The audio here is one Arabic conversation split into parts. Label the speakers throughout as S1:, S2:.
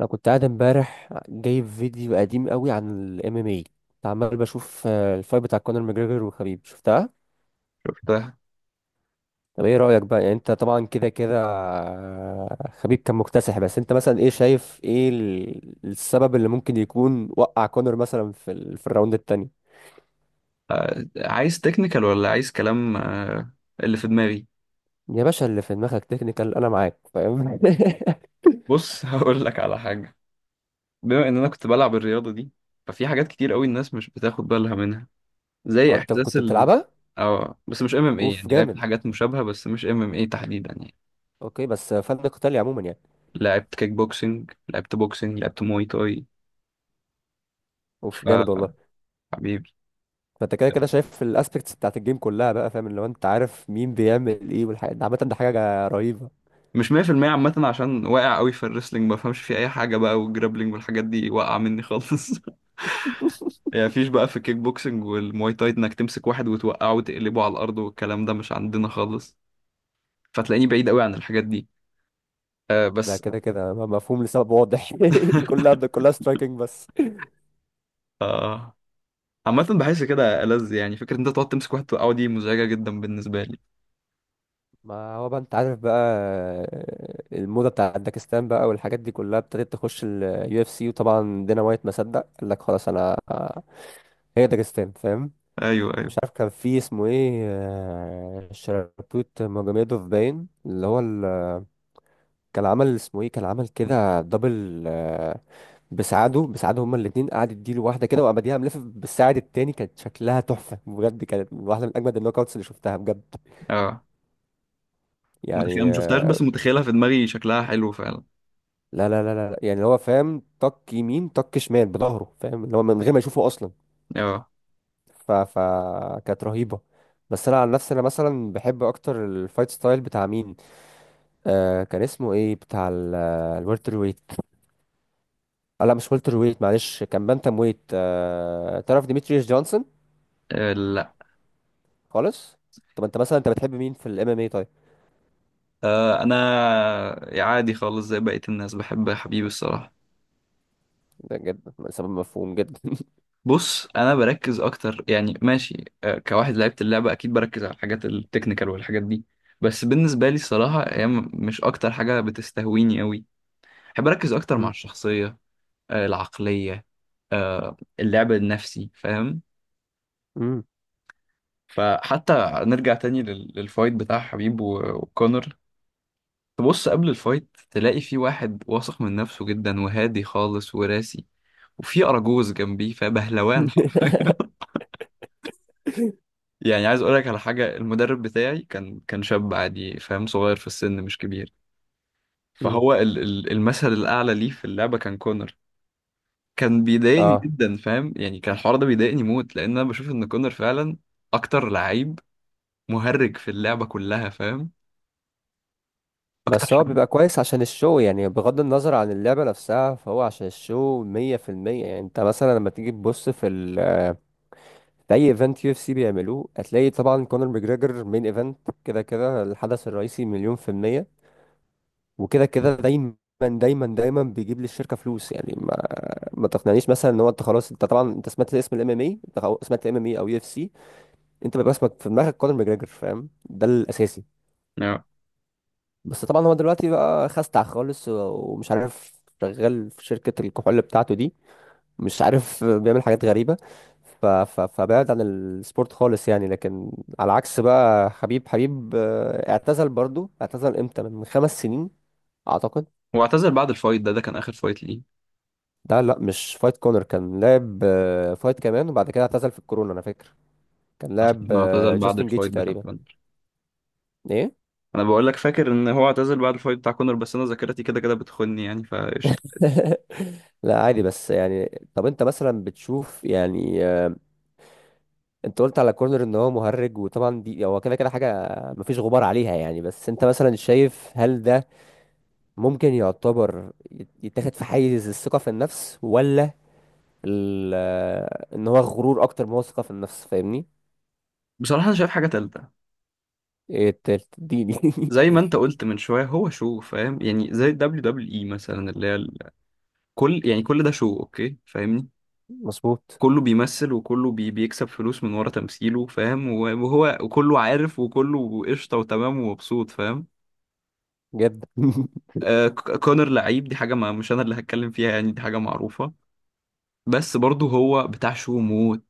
S1: انا كنت قاعد امبارح جايب فيديو قديم قوي عن الام ام اي. كنت عمال بشوف الفايت بتاع كونر ماجريجر وخبيب شفتها.
S2: ده.
S1: طب ايه رايك بقى يعني انت طبعا كده كده خبيب كان مكتسح، بس انت مثلا ايه شايف، ايه السبب اللي ممكن يكون وقع كونر مثلا في الراوند التاني؟
S2: عايز تكنيكال ولا عايز كلام، اللي في دماغي.
S1: يا باشا، اللي في دماغك تكنيكال، انا معاك فاهم.
S2: بص هقول لك على حاجة، بما ان انا كنت بلعب الرياضة دي ففي حاجات كتير قوي الناس مش بتاخد بالها منها، زي
S1: انت
S2: احساس
S1: كنت
S2: ال
S1: بتلعبها.
S2: اه بس مش ام ام ايه،
S1: اوف
S2: يعني لعبت
S1: جامد.
S2: حاجات مشابهة بس مش ام ام ايه تحديدا يعني.
S1: اوكي، بس فن قتالي عموما يعني.
S2: لعبت كيك بوكسنج، لعبت بوكسنج، لعبت موي تاي.
S1: اوف
S2: ف
S1: جامد والله.
S2: حبيبي.
S1: فانت كده كده شايف الاسبكتس بتاعت الجيم كلها، بقى فاهم اللي هو انت عارف مين بيعمل ايه، والحاجات ده عامه، ده حاجه رهيبه.
S2: مش 100% عامة عشان واقع قوي في الريسلينج ما بفهمش فيه اي حاجة بقى، والجرابلينج والحاجات دي واقعة مني خالص يعني مفيش بقى في الكيك بوكسنج والمواي تاي انك تمسك واحد وتوقعه وتقلبه على الارض، والكلام ده مش عندنا خالص، فتلاقيني بعيد قوي عن الحاجات دي. آه
S1: ده
S2: بس
S1: كده كده مفهوم لسبب واضح. كلها كلها سترايكنج بس.
S2: آه، عامة بحس كده ألذ، يعني فكرة إن أنت تقعد تمسك واحد توقعه دي مزعجة جدا بالنسبة لي.
S1: ما هو بقى انت عارف بقى، الموضه بتاعت داكستان بقى والحاجات دي كلها ابتدت تخش اليو اف سي، وطبعا دينا وايت ما صدق قال لك خلاص انا. هي داكستان فاهم.
S2: أيوه أيوه.
S1: مش عارف كان في اسمه ايه، شربوت ماجوميدوف باين اللي هو كان عمل اسمه ايه، كان عمل كده دبل بسعاده هما الاثنين، قعد يديله واحده كده وابديها ملف بالساعد التاني، كانت شكلها تحفه بجد، كانت واحده من اجمد النوك اوتس اللي شفتها بجد.
S2: أه
S1: يعني
S2: متخيل، ما شفتهاش بس متخيلها في دماغي شكلها حلو فعلا.
S1: لا لا لا لا لا، يعني هو فاهم طق يمين طق شمال بظهره فاهم اللي هو من غير ما يشوفه اصلا.
S2: أه.
S1: ف ف كانت رهيبه. بس انا عن نفسي انا مثلا بحب اكتر الفايت ستايل بتاع مين؟ كان اسمه ايه بتاع الورتر، لا مش ولتر ويت معلش، كان بانتم ويت تعرف ديمتريوس جونسون؟
S2: آه، لا.
S1: خالص. طب انت مثلا انت بتحب مين في الام ام اي طيب؟
S2: آه، أنا عادي خالص زي بقية الناس، بحب حبيبي الصراحة.
S1: ده جد سبب مفهوم جدا.
S2: بص انا بركز اكتر، يعني ماشي، كواحد لعبت اللعبه اكيد بركز على الحاجات التكنيكال والحاجات دي، بس بالنسبه لي الصراحه هي مش اكتر حاجه بتستهويني قوي. بحب اركز اكتر مع
S1: مم.
S2: الشخصيه، العقليه، اللعب النفسي فاهم.
S1: مم.
S2: فحتى نرجع تاني للفايت بتاع حبيب وكونر، تبص قبل الفايت تلاقي في واحد واثق من نفسه جدا وهادي خالص وراسي، وفي اراجوز جنبيه، فبهلوان حرفيا. يعني عايز اقول لك على حاجه، المدرب بتاعي كان شاب عادي فاهم، صغير في السن مش كبير،
S1: مم.
S2: فهو المثل الاعلى ليه في اللعبه كان كونر. كان بيضايقني
S1: اه،
S2: جدا فاهم، يعني كان الحوار ده بيضايقني موت، لان انا بشوف ان كونر فعلا اكتر لعيب مهرج في اللعبه كلها فاهم، اكتر
S1: بس هو
S2: حد.
S1: بيبقى كويس عشان الشو يعني، بغض النظر عن اللعبة نفسها فهو عشان الشو 100% يعني. انت مثلا لما تيجي تبص في ال آه، في اي ايفنت يو اف سي بيعملوه هتلاقي طبعا كونر ماجريجر مين ايفنت. كده كده الحدث الرئيسي مليون في المية، وكده كده دايما دايما دايما بيجيب للشركة فلوس يعني. ما تقنعنيش مثلا ان هو، انت خلاص، انت طبعا انت سمعت اسم الام ام اي، انت خلاص سمعت الام ام اي او يو اف سي، انت بيبقى اسمك في دماغك كونر ماجريجر فاهم، ده الاساسي.
S2: آه.
S1: بس طبعا هو دلوقتي بقى خستع خالص ومش عارف شغال في شركة الكحول بتاعته دي، مش عارف بيعمل حاجات غريبة. فبعد عن السبورت خالص يعني، لكن على عكس بقى حبيب اعتزل برضو، اعتزل امتى، من 5 سنين اعتقد.
S2: هو اعتزل بعد الفايت ده؟ ده كان اخر فايت ليه؟
S1: ده لا مش فايت كونر، كان لعب فايت كمان وبعد كده اعتزل في الكورونا انا فاكر. كان
S2: عشان
S1: لاعب
S2: انه اعتزل بعد
S1: جاستن جيتش
S2: الفايت بتاع
S1: تقريبا.
S2: كونر.
S1: ايه؟
S2: انا بقول لك فاكر ان هو اعتزل بعد الفايت بتاع كونر، بس انا ذاكرتي كده كده بتخني يعني، فقشطه.
S1: لا عادي، بس يعني طب انت مثلا بتشوف يعني، انت قلت على كورنر ان هو مهرج، وطبعا دي هو كده كده حاجه مفيش غبار عليها يعني. بس انت مثلا شايف هل ده ممكن يعتبر يتاخد في حيز الثقه في النفس، ولا ان هو غرور اكتر ما هو ثقه في النفس فاهمني؟
S2: بصراحه انا شايف حاجه تالته.
S1: ايه التالت؟ اديني.
S2: زي ما انت قلت من شويه، هو شو فاهم، يعني زي دبليو دبليو اي مثلا، اللي هي كل، يعني كل ده شو اوكي فاهمني.
S1: مظبوط
S2: كله بيمثل وكله بيكسب فلوس من ورا تمثيله فاهم، وهو وكله عارف وكله قشطه وتمام ومبسوط فاهم.
S1: جدا.
S2: آه، كونر لعيب، دي حاجه ما مش انا اللي هتكلم فيها يعني، دي حاجه معروفه. بس برضه هو بتاع شو موت.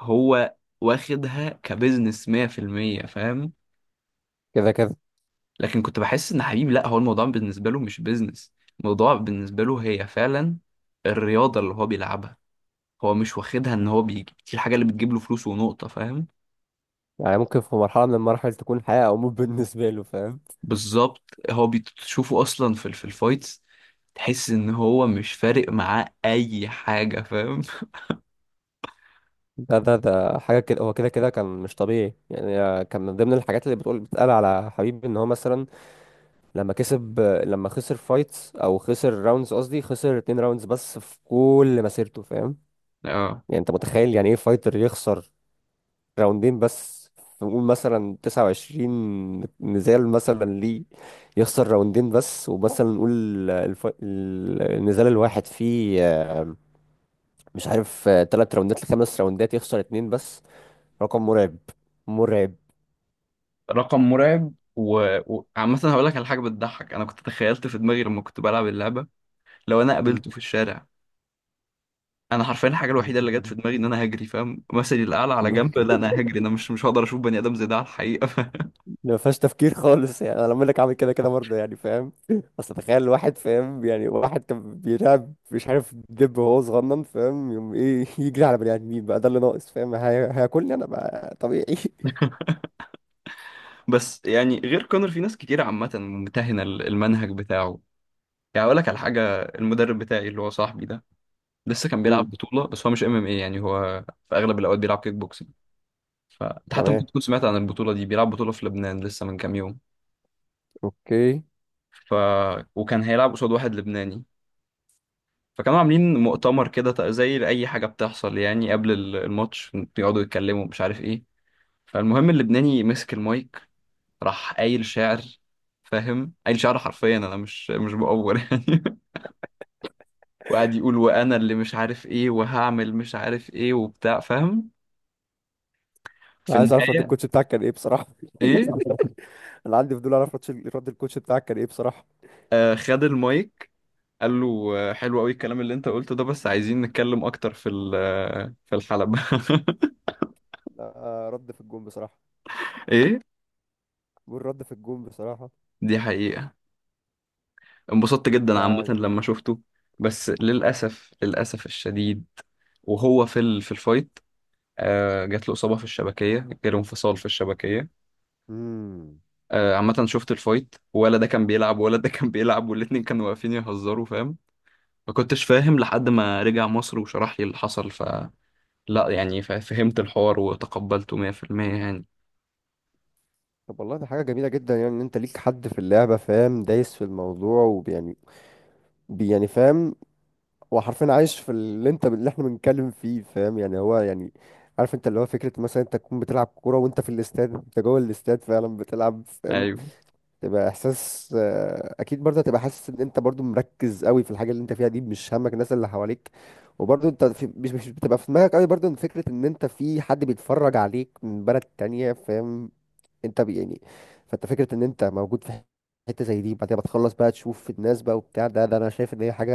S2: هو واخدها كبزنس 100% فاهم.
S1: كده كده
S2: لكن كنت بحس ان حبيبي لا، هو الموضوع بالنسبه له مش بيزنس، الموضوع بالنسبه له هي فعلا الرياضه اللي هو بيلعبها. هو مش واخدها ان هو بيجي دي الحاجه اللي بتجيب له فلوس ونقطه فاهم.
S1: يعني ممكن في مرحله من المراحل تكون حياه او موت بالنسبه له فاهم.
S2: بالظبط. هو بتشوفه اصلا في في الفايتس، تحس ان هو مش فارق معاه اي حاجه فاهم
S1: ده حاجة كده، هو كده كده كان مش طبيعي يعني. كان من ضمن الحاجات اللي بتقول بتتقال على حبيب ان هو مثلا لما كسب، لما خسر فايتس او خسر راوندز، قصدي خسر 2 راوندز بس في كل مسيرته فاهم.
S2: اه،
S1: يعني انت متخيل يعني ايه فايتر يخسر راوندين بس، في نقول مثلا 29 نزال مثلا ليه، يخسر راوندين بس، ومثلا نقول النزال الواحد فيه، مش عارف، 3 راوندات لخمس راوندات، يخسر اتنين بس. رقم مرعب. مرعب.
S2: رقم مرعب وعامة هقول لك على حاجة بتضحك. أنا كنت تخيلت في دماغي لما كنت بلعب اللعبة لو أنا
S1: مم.
S2: قابلته في الشارع، انا حرفيا الحاجه الوحيده اللي جت في دماغي ان انا هجري فاهم. مثلي الاعلى على جنب، لا انا هجري، انا مش هقدر اشوف بني ادم زي ده على الحقيقه
S1: ما فيهاش تفكير خالص يعني. انا لما لك عامل كده كده برضه يعني فاهم. اصل تخيل واحد فاهم يعني، واحد كان بيلعب مش عارف دب وهو صغنن فاهم، يوم ايه يجري على بني ادمين، بقى ده اللي ناقص فاهم، هياكلني انا بقى طبيعي.
S2: بس يعني غير كونر في ناس كتير عامه ممتهنه المنهج بتاعه. يعني اقول لك على حاجه، المدرب بتاعي اللي هو صاحبي ده لسه كان
S1: مم.
S2: بيلعب بطوله، بس هو مش ام ام اي يعني، هو في اغلب الاوقات بيلعب كيك بوكسنج. فانت حتى
S1: تمام.
S2: ممكن تكون سمعت عن البطوله دي، بيلعب بطوله في لبنان لسه من كام يوم.
S1: اوكي.
S2: ف وكان هيلعب قصاد واحد لبناني، فكانوا عاملين مؤتمر كده زي اي حاجه بتحصل يعني قبل الماتش، بيقعدوا يتكلموا مش عارف ايه. فالمهم اللبناني مسك المايك، راح قايل شعر فاهم، قايل شعر حرفيا، انا مش بأور يعني وقعد يقول وانا اللي مش عارف ايه، وهعمل مش عارف ايه وبتاع فاهم، في
S1: أنا عايز اعرف رد
S2: النهاية
S1: الكوتش بتاعك كان ايه بصراحه.
S2: ايه.
S1: انا عندي فضول اعرف رد الكوتش بتاعك كان ايه بصراحه.
S2: آه خد المايك، قال له: آه، حلو قوي الكلام اللي انت قلته ده، بس عايزين نتكلم اكتر في في الحلبة
S1: لا، رد في الجون بصراحه،
S2: ايه،
S1: والرد في الجون بصراحه.
S2: دي حقيقة. انبسطت
S1: ف
S2: جدا عامة لما شفته. بس للأسف، للأسف الشديد، وهو في في الفايت، جات له إصابة في الشبكية، جاله انفصال في الشبكية.
S1: مم.
S2: عامة شفت الفايت، ولا ده كان بيلعب ولا ده كان بيلعب، والاتنين كانوا واقفين يهزروا فاهم. ما كنتش فاهم لحد ما رجع مصر وشرح لي اللي حصل، ف لا يعني فهمت الحوار وتقبلته 100% يعني.
S1: طب والله ده حاجة جميلة جدا يعني، ان انت ليك حد في اللعبة فاهم دايس في الموضوع، ويعني يعني فاهم، هو حرفيا عايش في اللي احنا بنتكلم فيه فاهم يعني، هو يعني عارف انت اللي هو فكرة مثلا انت تكون بتلعب كورة وانت في الاستاد، انت جوه الاستاد فعلا بتلعب فاهم،
S2: ايوه.
S1: تبقى احساس اكيد برضه هتبقى حاسس ان انت برضه مركز قوي في الحاجة اللي انت فيها دي، مش همك الناس اللي حواليك، وبرضه انت في مش مش بتبقى في دماغك قوي برضه ان فكرة ان انت في حد بيتفرج عليك من بلد تانية فاهم. انت يعني فانت فكره ان انت موجود في حته زي دي، بعدين بتخلص بقى تشوف الناس بقى وبتاع، ده ده انا شايف ان هي حاجه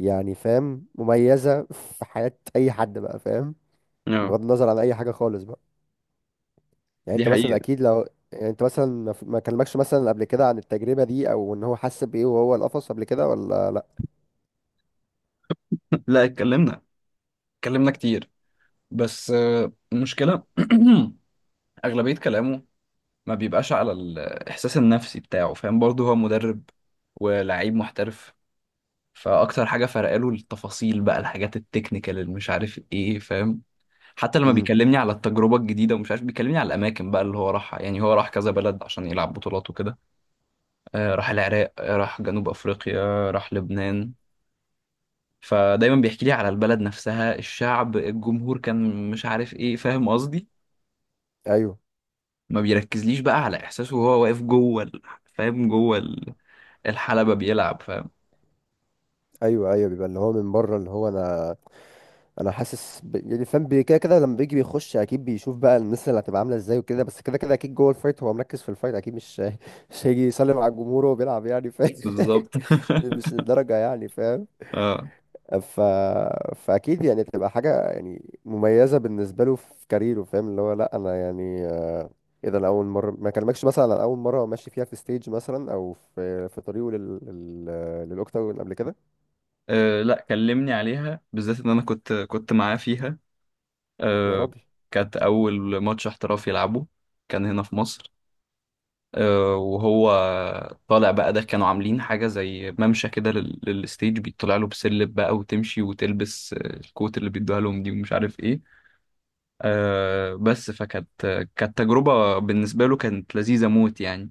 S1: يعني فاهم مميزه في حياه اي حد بقى فاهم،
S2: اه،
S1: بغض النظر عن اي حاجه خالص بقى. يعني
S2: دي
S1: انت مثلا
S2: حقيقة.
S1: اكيد لو، يعني انت مثلا ما كلمكش مثلا قبل كده عن التجربه دي، او ان هو حس بايه وهو القفص قبل كده ولا لا؟
S2: لا اتكلمنا، اتكلمنا كتير. بس آه، المشكلة أغلبية كلامه ما بيبقاش على الإحساس النفسي بتاعه فاهم، برضه هو مدرب ولاعيب محترف، فاكتر حاجه فرق له التفاصيل بقى، الحاجات التكنيكال اللي مش عارف ايه فاهم. حتى لما
S1: امم
S2: بيكلمني على التجربه الجديده ومش عارف، بيكلمني على الاماكن بقى اللي هو راحها، يعني هو راح كذا بلد عشان يلعب بطولات وكده. آه راح العراق، آه راح جنوب افريقيا، راح لبنان. فدايما بيحكي لي على البلد نفسها، الشعب، الجمهور كان مش عارف ايه فاهم قصدي.
S1: ايوه
S2: ما بيركزليش بقى على احساسه وهو واقف جوه فاهم جوه الحلبة بيلعب فاهم.
S1: ايوه ايوه، بيبقى اللي هو من بره، اللي هو انا حاسس ب... يعني فاهم كده كده لما بيجي بيخش اكيد بيشوف بقى الناس اللي هتبقى عامله ازاي وكده، بس كده كده اكيد جوه الفايت هو مركز في الفايت اكيد، مش هيجي يسلم على الجمهور وهو بيلعب يعني فاهم.
S2: بالظبط.
S1: مش الدرجه يعني فاهم.
S2: اه.
S1: ف... فاكيد يعني تبقى حاجه يعني مميزه بالنسبه له في كاريره فاهم، اللي هو لا انا يعني، ايه ده انا اول مره ما كلمكش مثلا عن اول مره هو ماشي فيها في ستيج مثلا، او في طريقه للاوكتاجون قبل كده.
S2: أه لا كلمني عليها بالذات، ان انا كنت معاه فيها.
S1: يا
S2: أه.
S1: راجل.
S2: كانت اول ماتش احترافي يلعبه، كان هنا في مصر. أه وهو طالع بقى، ده كانوا عاملين حاجة زي ممشى كده للستيج، بيطلع له بسلم بقى وتمشي وتلبس آه، الكوت اللي بيدوها لهم دي ومش عارف ايه. أه بس فكانت، كانت تجربة بالنسبة له كانت لذيذة موت يعني.